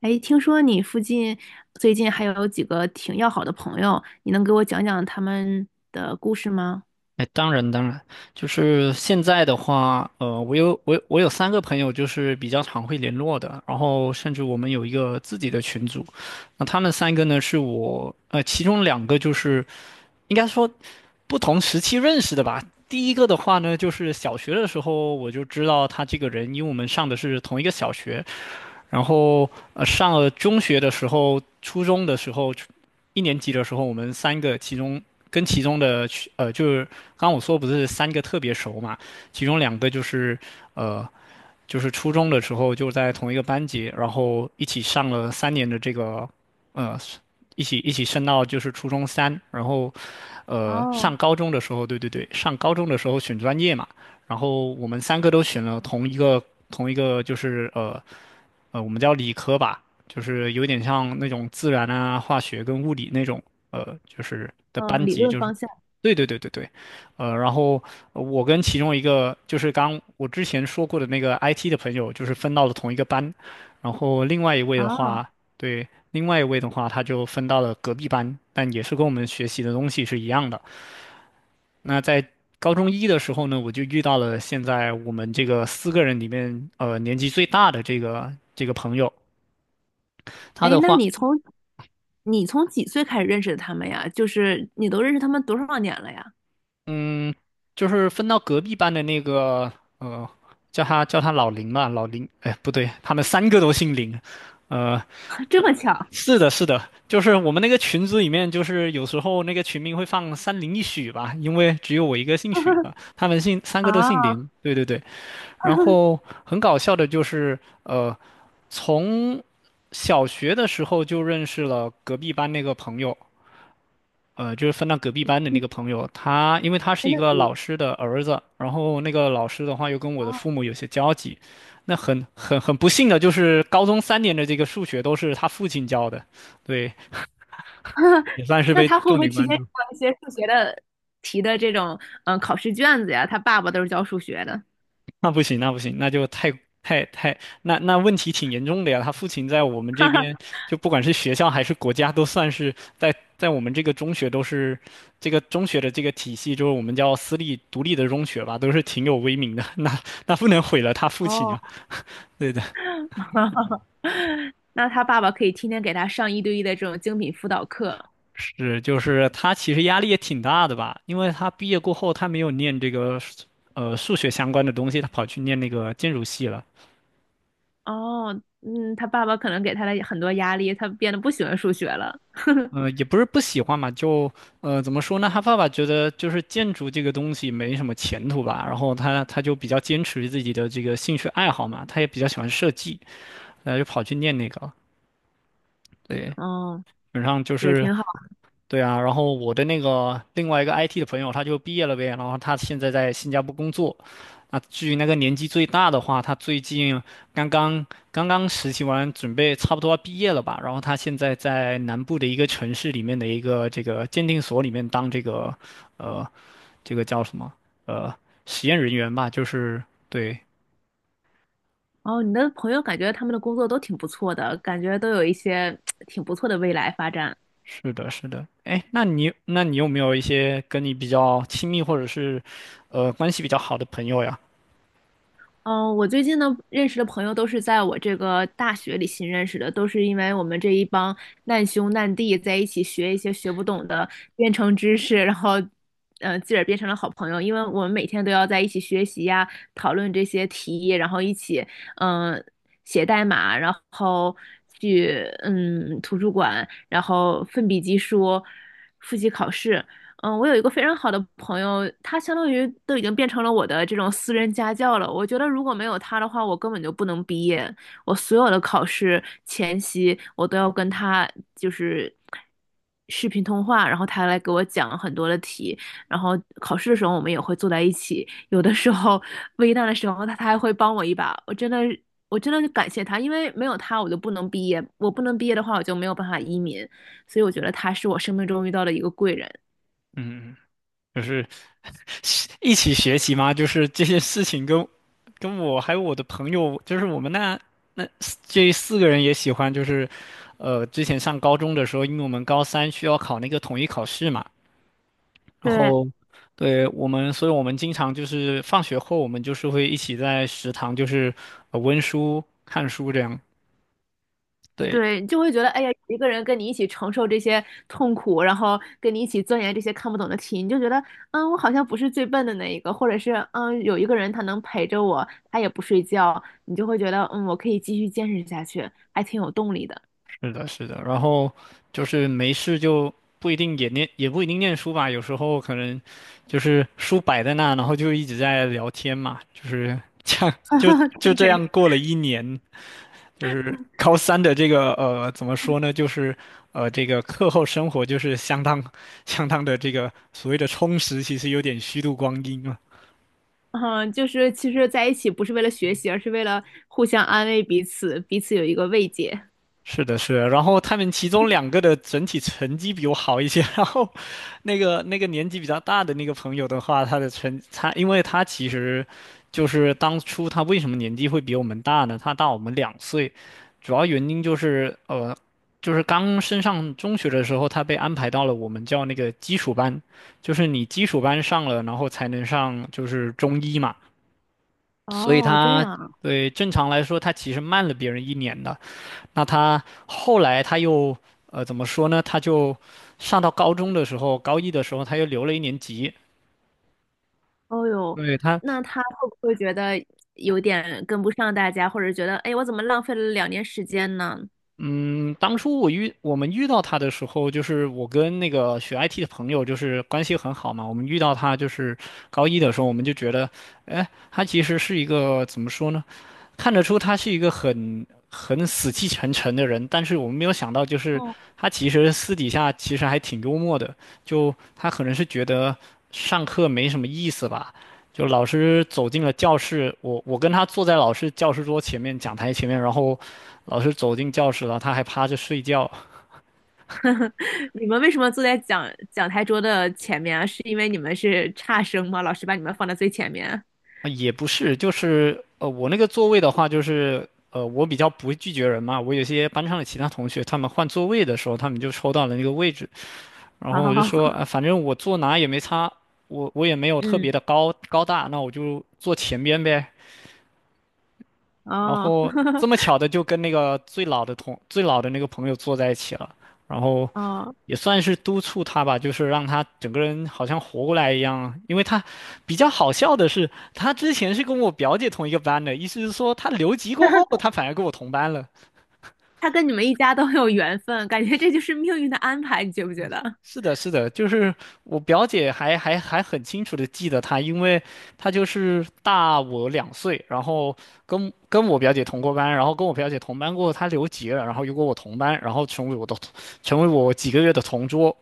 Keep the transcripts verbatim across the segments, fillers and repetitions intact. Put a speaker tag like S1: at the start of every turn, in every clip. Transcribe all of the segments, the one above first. S1: 哎，听说你附近最近还有几个挺要好的朋友，你能给我讲讲他们的故事吗？
S2: 哎，当然当然，就是现在的话，呃，我有我有我有三个朋友，就是比较常会联络的，然后甚至我们有一个自己的群组，那他们三个呢是我，呃，其中两个就是应该说不同时期认识的吧。第一个的话呢，就是小学的时候我就知道他这个人，因为我们上的是同一个小学，然后呃，上了中学的时候，初中的时候，一年级的时候，我们三个其中跟其中的呃，就是刚刚我说不是三个特别熟嘛，其中两个就是呃就是初中的时候就在同一个班级，然后一起上了三年的这个，呃，一起一起升到就是初中三，然后，呃，上
S1: 哦，
S2: 高中的时候，对对对，上高中的时候选专业嘛，然后我们三个都选了同一个同一个就是呃呃，我们叫理科吧，就是有点像那种自然啊、化学跟物理那种呃，就是的
S1: 嗯，
S2: 班
S1: 理
S2: 级，
S1: 论
S2: 就是
S1: 方向。
S2: 对对对对对，呃，然后呃我跟其中一个就是刚我之前说过的那个 I T 的朋友，就是分到了同一个班，然后另外一位的
S1: 啊。
S2: 话，对，另外一位的话，他就分到了隔壁班，但也是跟我们学习的东西是一样的。那在高中一的时候呢，我就遇到了现在我们这个四个人里面，呃，年纪最大的这个这个朋友，他
S1: 哎，
S2: 的
S1: 那
S2: 话，
S1: 你从你从几岁开始认识的他们呀？就是你都认识他们多少年了呀？
S2: 嗯，就是分到隔壁班的那个，呃，叫他叫他老林吧，老林，哎，不对，他们三个都姓林，呃，
S1: 这么巧
S2: 是的，是的，就是我们那个群组里面，就是有时候那个群名会放三零一许吧，因为只有我一个姓许 的，他们姓三个都
S1: 啊？
S2: 姓林。对对对，然后 很搞笑的就是，呃，从小学的时候就认识了隔壁班那个朋友，呃，就是分到隔壁班的那个朋友，他因为他是
S1: 真
S2: 一
S1: 的
S2: 个
S1: 有缘
S2: 老师的儿子，然后那个老师的话又跟我
S1: 哦
S2: 的父母有些交集，那很很很不幸的就是高中三年的这个数学都是他父亲教的，对。也算是
S1: 那
S2: 被
S1: 他会不
S2: 重
S1: 会
S2: 点
S1: 提
S2: 关
S1: 前
S2: 注。
S1: 做一些数学的题的这种嗯考试卷子呀？他爸爸都是教数学的。
S2: 那不行，那不行，那就太太太，那那问题挺严重的呀。他父亲在我们这边，就不管是学校还是国家，都算是在在我们这个中学都是这个中学的这个体系，就是我们叫私立独立的中学吧，都是挺有威名的。那那不能毁了他父亲啊。
S1: 哦。
S2: 对的，
S1: 那他爸爸可以天天给他上一对一的这种精品辅导课。
S2: 是就是他其实压力也挺大的吧，因为他毕业过后他没有念这个呃数学相关的东西，他跑去念那个建筑系了。
S1: 哦，嗯，他爸爸可能给他了很多压力，他变得不喜欢数学了。
S2: 呃，也不是不喜欢嘛，就呃，怎么说呢？他爸爸觉得就是建筑这个东西没什么前途吧，然后他他就比较坚持自己的这个兴趣爱好嘛，他也比较喜欢设计，然后就跑去念那个了对，基
S1: 哦，
S2: 本上就
S1: 也
S2: 是
S1: 挺好。
S2: 对啊，然后我的那个另外一个 I T 的朋友，他就毕业了呗，然后他现在在新加坡工作。那至于那个年纪最大的话，他最近刚刚刚刚实习完，准备差不多要毕业了吧。然后他现在在南部的一个城市里面的一个这个鉴定所里面当这个呃这个叫什么呃实验人员吧，就是对，
S1: 哦，你的朋友感觉他们的工作都挺不错的，感觉都有一些 挺不错的未来发展。
S2: 是的，是的。哎，那你那你有没有一些跟你比较亲密或者是呃关系比较好的朋友呀？
S1: 嗯，我最近呢认识的朋友都是在我这个大学里新认识的，都是因为我们这一帮难兄难弟在一起学一些学不懂的编程知识，然后，嗯、自个儿变成了好朋友。因为我们每天都要在一起学习呀，讨论这些题，然后一起，嗯、写代码，然后去，嗯，图书馆，然后奋笔疾书，复习考试。嗯，我有一个非常好的朋友，他相当于都已经变成了我的这种私人家教了。我觉得如果没有他的话，我根本就不能毕业。我所有的考试前夕，我都要跟他就是视频通话，然后他来给我讲很多的题。然后考试的时候，我们也会坐在一起。有的时候危难的时候，他他还会帮我一把。我真的，我真的感谢他，因为没有他，我就不能毕业。我不能毕业的话，我就没有办法移民。所以我觉得他是我生命中遇到的一个贵人。
S2: 嗯。就是 一起学习嘛，就是这些事情跟跟我还有我的朋友，就是我们那那四这四个人也喜欢，就是呃，之前上高中的时候，因为我们高三需要考那个统一考试嘛，然
S1: 对，
S2: 后对我们，所以我们经常就是放学后，我们就是会一起在食堂就是呃温书看书这样，对，
S1: 对，你就会觉得，哎呀，一个人跟你一起承受这些痛苦，然后跟你一起钻研这些看不懂的题，你就觉得，嗯，我好像不是最笨的那一个，或者是，嗯，有一个人他能陪着我，他也不睡觉，你就会觉得，嗯，我可以继续坚持下去，还挺有动力的。
S2: 是的，是的，然后就是没事就不一定也念，也不一定念书吧，有时候可能就是书摆在那，然后就一直在聊天嘛，就是这样，就 就这
S1: 对，
S2: 样过了一年，就是高三的这个呃，怎么说呢，就是呃，这个课后生活就是相当相当的这个所谓的充实，其实有点虚度光阴了。
S1: 嗯，就是其实在一起不是为了学习，而是为了互相安慰彼此，彼此有一个慰藉。
S2: 是的，是的，然后他们其中两个的整体成绩比我好一些，然后那个那个年纪比较大的那个朋友的话，他的成他，因为他其实就是当初他为什么年纪会比我们大呢？他大我们两岁，主要原因就是呃，就是刚升上中学的时候，他被安排到了我们叫那个基础班，就是你基础班上了，然后才能上就是中医嘛，所以
S1: 哦，这
S2: 他
S1: 样。
S2: 对正常来说他其实慢了别人一年的。那他后来他又呃怎么说呢？他就上到高中的时候，高一的时候他又留了一年级。
S1: 哦哟，
S2: 对他，
S1: 那他会不会觉得有点跟不上大家，或者觉得，哎，我怎么浪费了两年时间呢？
S2: 嗯，当初我遇我们遇到他的时候，就是我跟那个学 I T 的朋友就是关系很好嘛。我们遇到他就是高一的时候，我们就觉得，哎，他其实是一个怎么说呢？看得出他是一个很很死气沉沉的人，但是我们没有想到，就是
S1: 哦，
S2: 他其实私底下其实还挺幽默的。就他可能是觉得上课没什么意思吧，就老师走进了教室，我我跟他坐在老师教师桌前面、讲台前面，然后老师走进教室了，他还趴着睡觉。
S1: 你们为什么坐在讲讲台桌的前面啊？是因为你们是差生吗？老师把你们放在最前面？
S2: 啊也不是，就是呃，我那个座位的话，就是呃，我比较不会拒绝人嘛，我有些班上的其他同学，他们换座位的时候，他们就抽到了那个位置。然
S1: 好
S2: 后
S1: 好
S2: 我就
S1: 好，
S2: 说，啊，反正我坐哪也没差，我我也没有 特别的
S1: 嗯，
S2: 高高大，那我就坐前边呗。然
S1: 哦，
S2: 后这么 巧的就跟那个最老的同最老的那个朋友坐在一起了，然后
S1: 哦，
S2: 也算是督促他吧，就是让他整个人好像活过来一样。因为他比较好笑的是，他之前是跟我表姐同一个班的，意思是说他留级过后，他反而跟我同班了。
S1: 他跟你们一家都很有缘分，感觉这就是命运的安排，你觉不觉得？
S2: 是的，是的，就是我表姐还还还很清楚的记得她，因为她就是大我两岁，然后跟跟我表姐同过班，然后跟我表姐同班过后，她留级了，然后又跟我同班，然后成为我的同成为我几个月的同桌，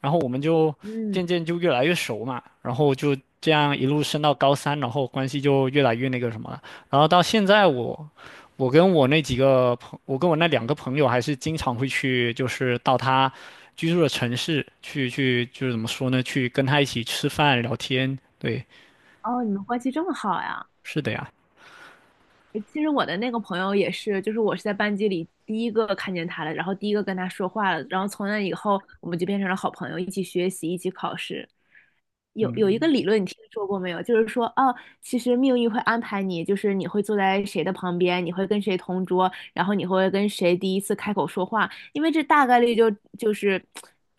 S2: 然后我们就
S1: 嗯，
S2: 渐渐就越来越熟嘛，然后就这样一路升到高三，然后关系就越来越那个什么了。然后到现在我，我跟我那几个朋，我跟我那两个朋友还是经常会去，就是到他居住的城市去去，就是怎么说呢，去跟他一起吃饭聊天。对，
S1: 哦，你们关系这么好呀？
S2: 是的呀。
S1: 其实我的那个朋友也是，就是我是在班级里第一个看见他的，然后第一个跟他说话了，然后从那以后我们就变成了好朋友，一起学习，一起考试。有有一个理论，你听说过没有？就是说，啊，其实命运会安排你，就是你会坐在谁的旁边，你会跟谁同桌，然后你会跟谁第一次开口说话，因为这大概率就就是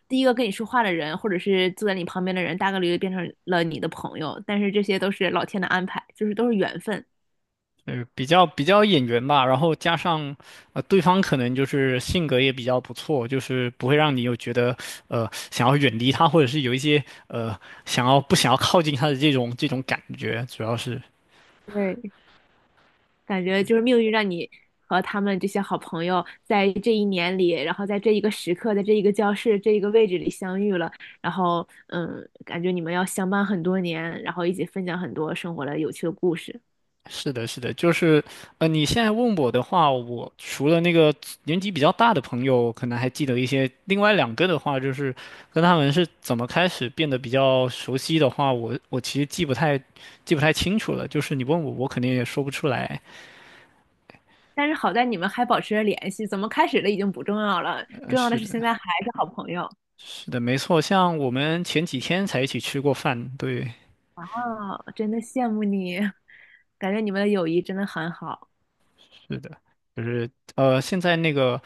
S1: 第一个跟你说话的人，或者是坐在你旁边的人，大概率就变成了你的朋友。但是这些都是老天的安排，就是都是缘分。
S2: 呃，比较比较眼缘吧，然后加上，呃，对方可能就是性格也比较不错，就是不会让你有觉得，呃，想要远离他，或者是有一些，呃，想要不想要靠近他的这种这种感觉，主要是。
S1: 对，感觉就是命运让你和他们这些好朋友在这一年里，然后在这一个时刻，在这一个教室、这一个位置里相遇了，然后嗯，感觉你们要相伴很多年，然后一起分享很多生活的有趣的故事。
S2: 是的，是的，就是，呃，你现在问我的话，我除了那个年纪比较大的朋友，可能还记得一些，另外两个的话，就是跟他们是怎么开始变得比较熟悉的话，我我其实记不太记不太清楚了，就是你问我，我肯定也说不出来。
S1: 但是好在你们还保持着联系，怎么开始的已经不重要了，
S2: 呃
S1: 重要的
S2: 是
S1: 是
S2: 的，
S1: 现在还是好朋友
S2: 是的，没错。像我们前几天才一起吃过饭，对，
S1: 啊，真的羡慕你，感觉你们的友谊真的很好。
S2: 是的，就是呃，现在那个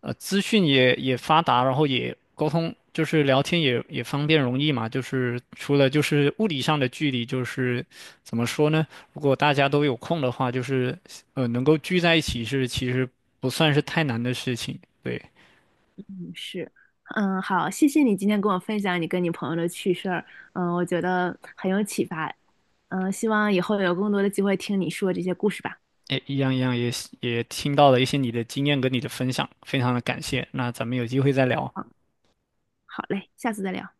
S2: 呃，资讯也也发达，然后也沟通，就是聊天也也方便容易嘛。就是除了就是物理上的距离，就是怎么说呢？如果大家都有空的话，就是呃，能够聚在一起是其实不算是太难的事情。对，
S1: 是，嗯，好，谢谢你今天跟我分享你跟你朋友的趣事儿，嗯，我觉得很有启发，嗯，希望以后有更多的机会听你说这些故事吧。
S2: 哎，一样一样也也听到了一些你的经验跟你的分享，非常的感谢。那咱们有机会再聊。
S1: 嗯，好嘞，下次再聊。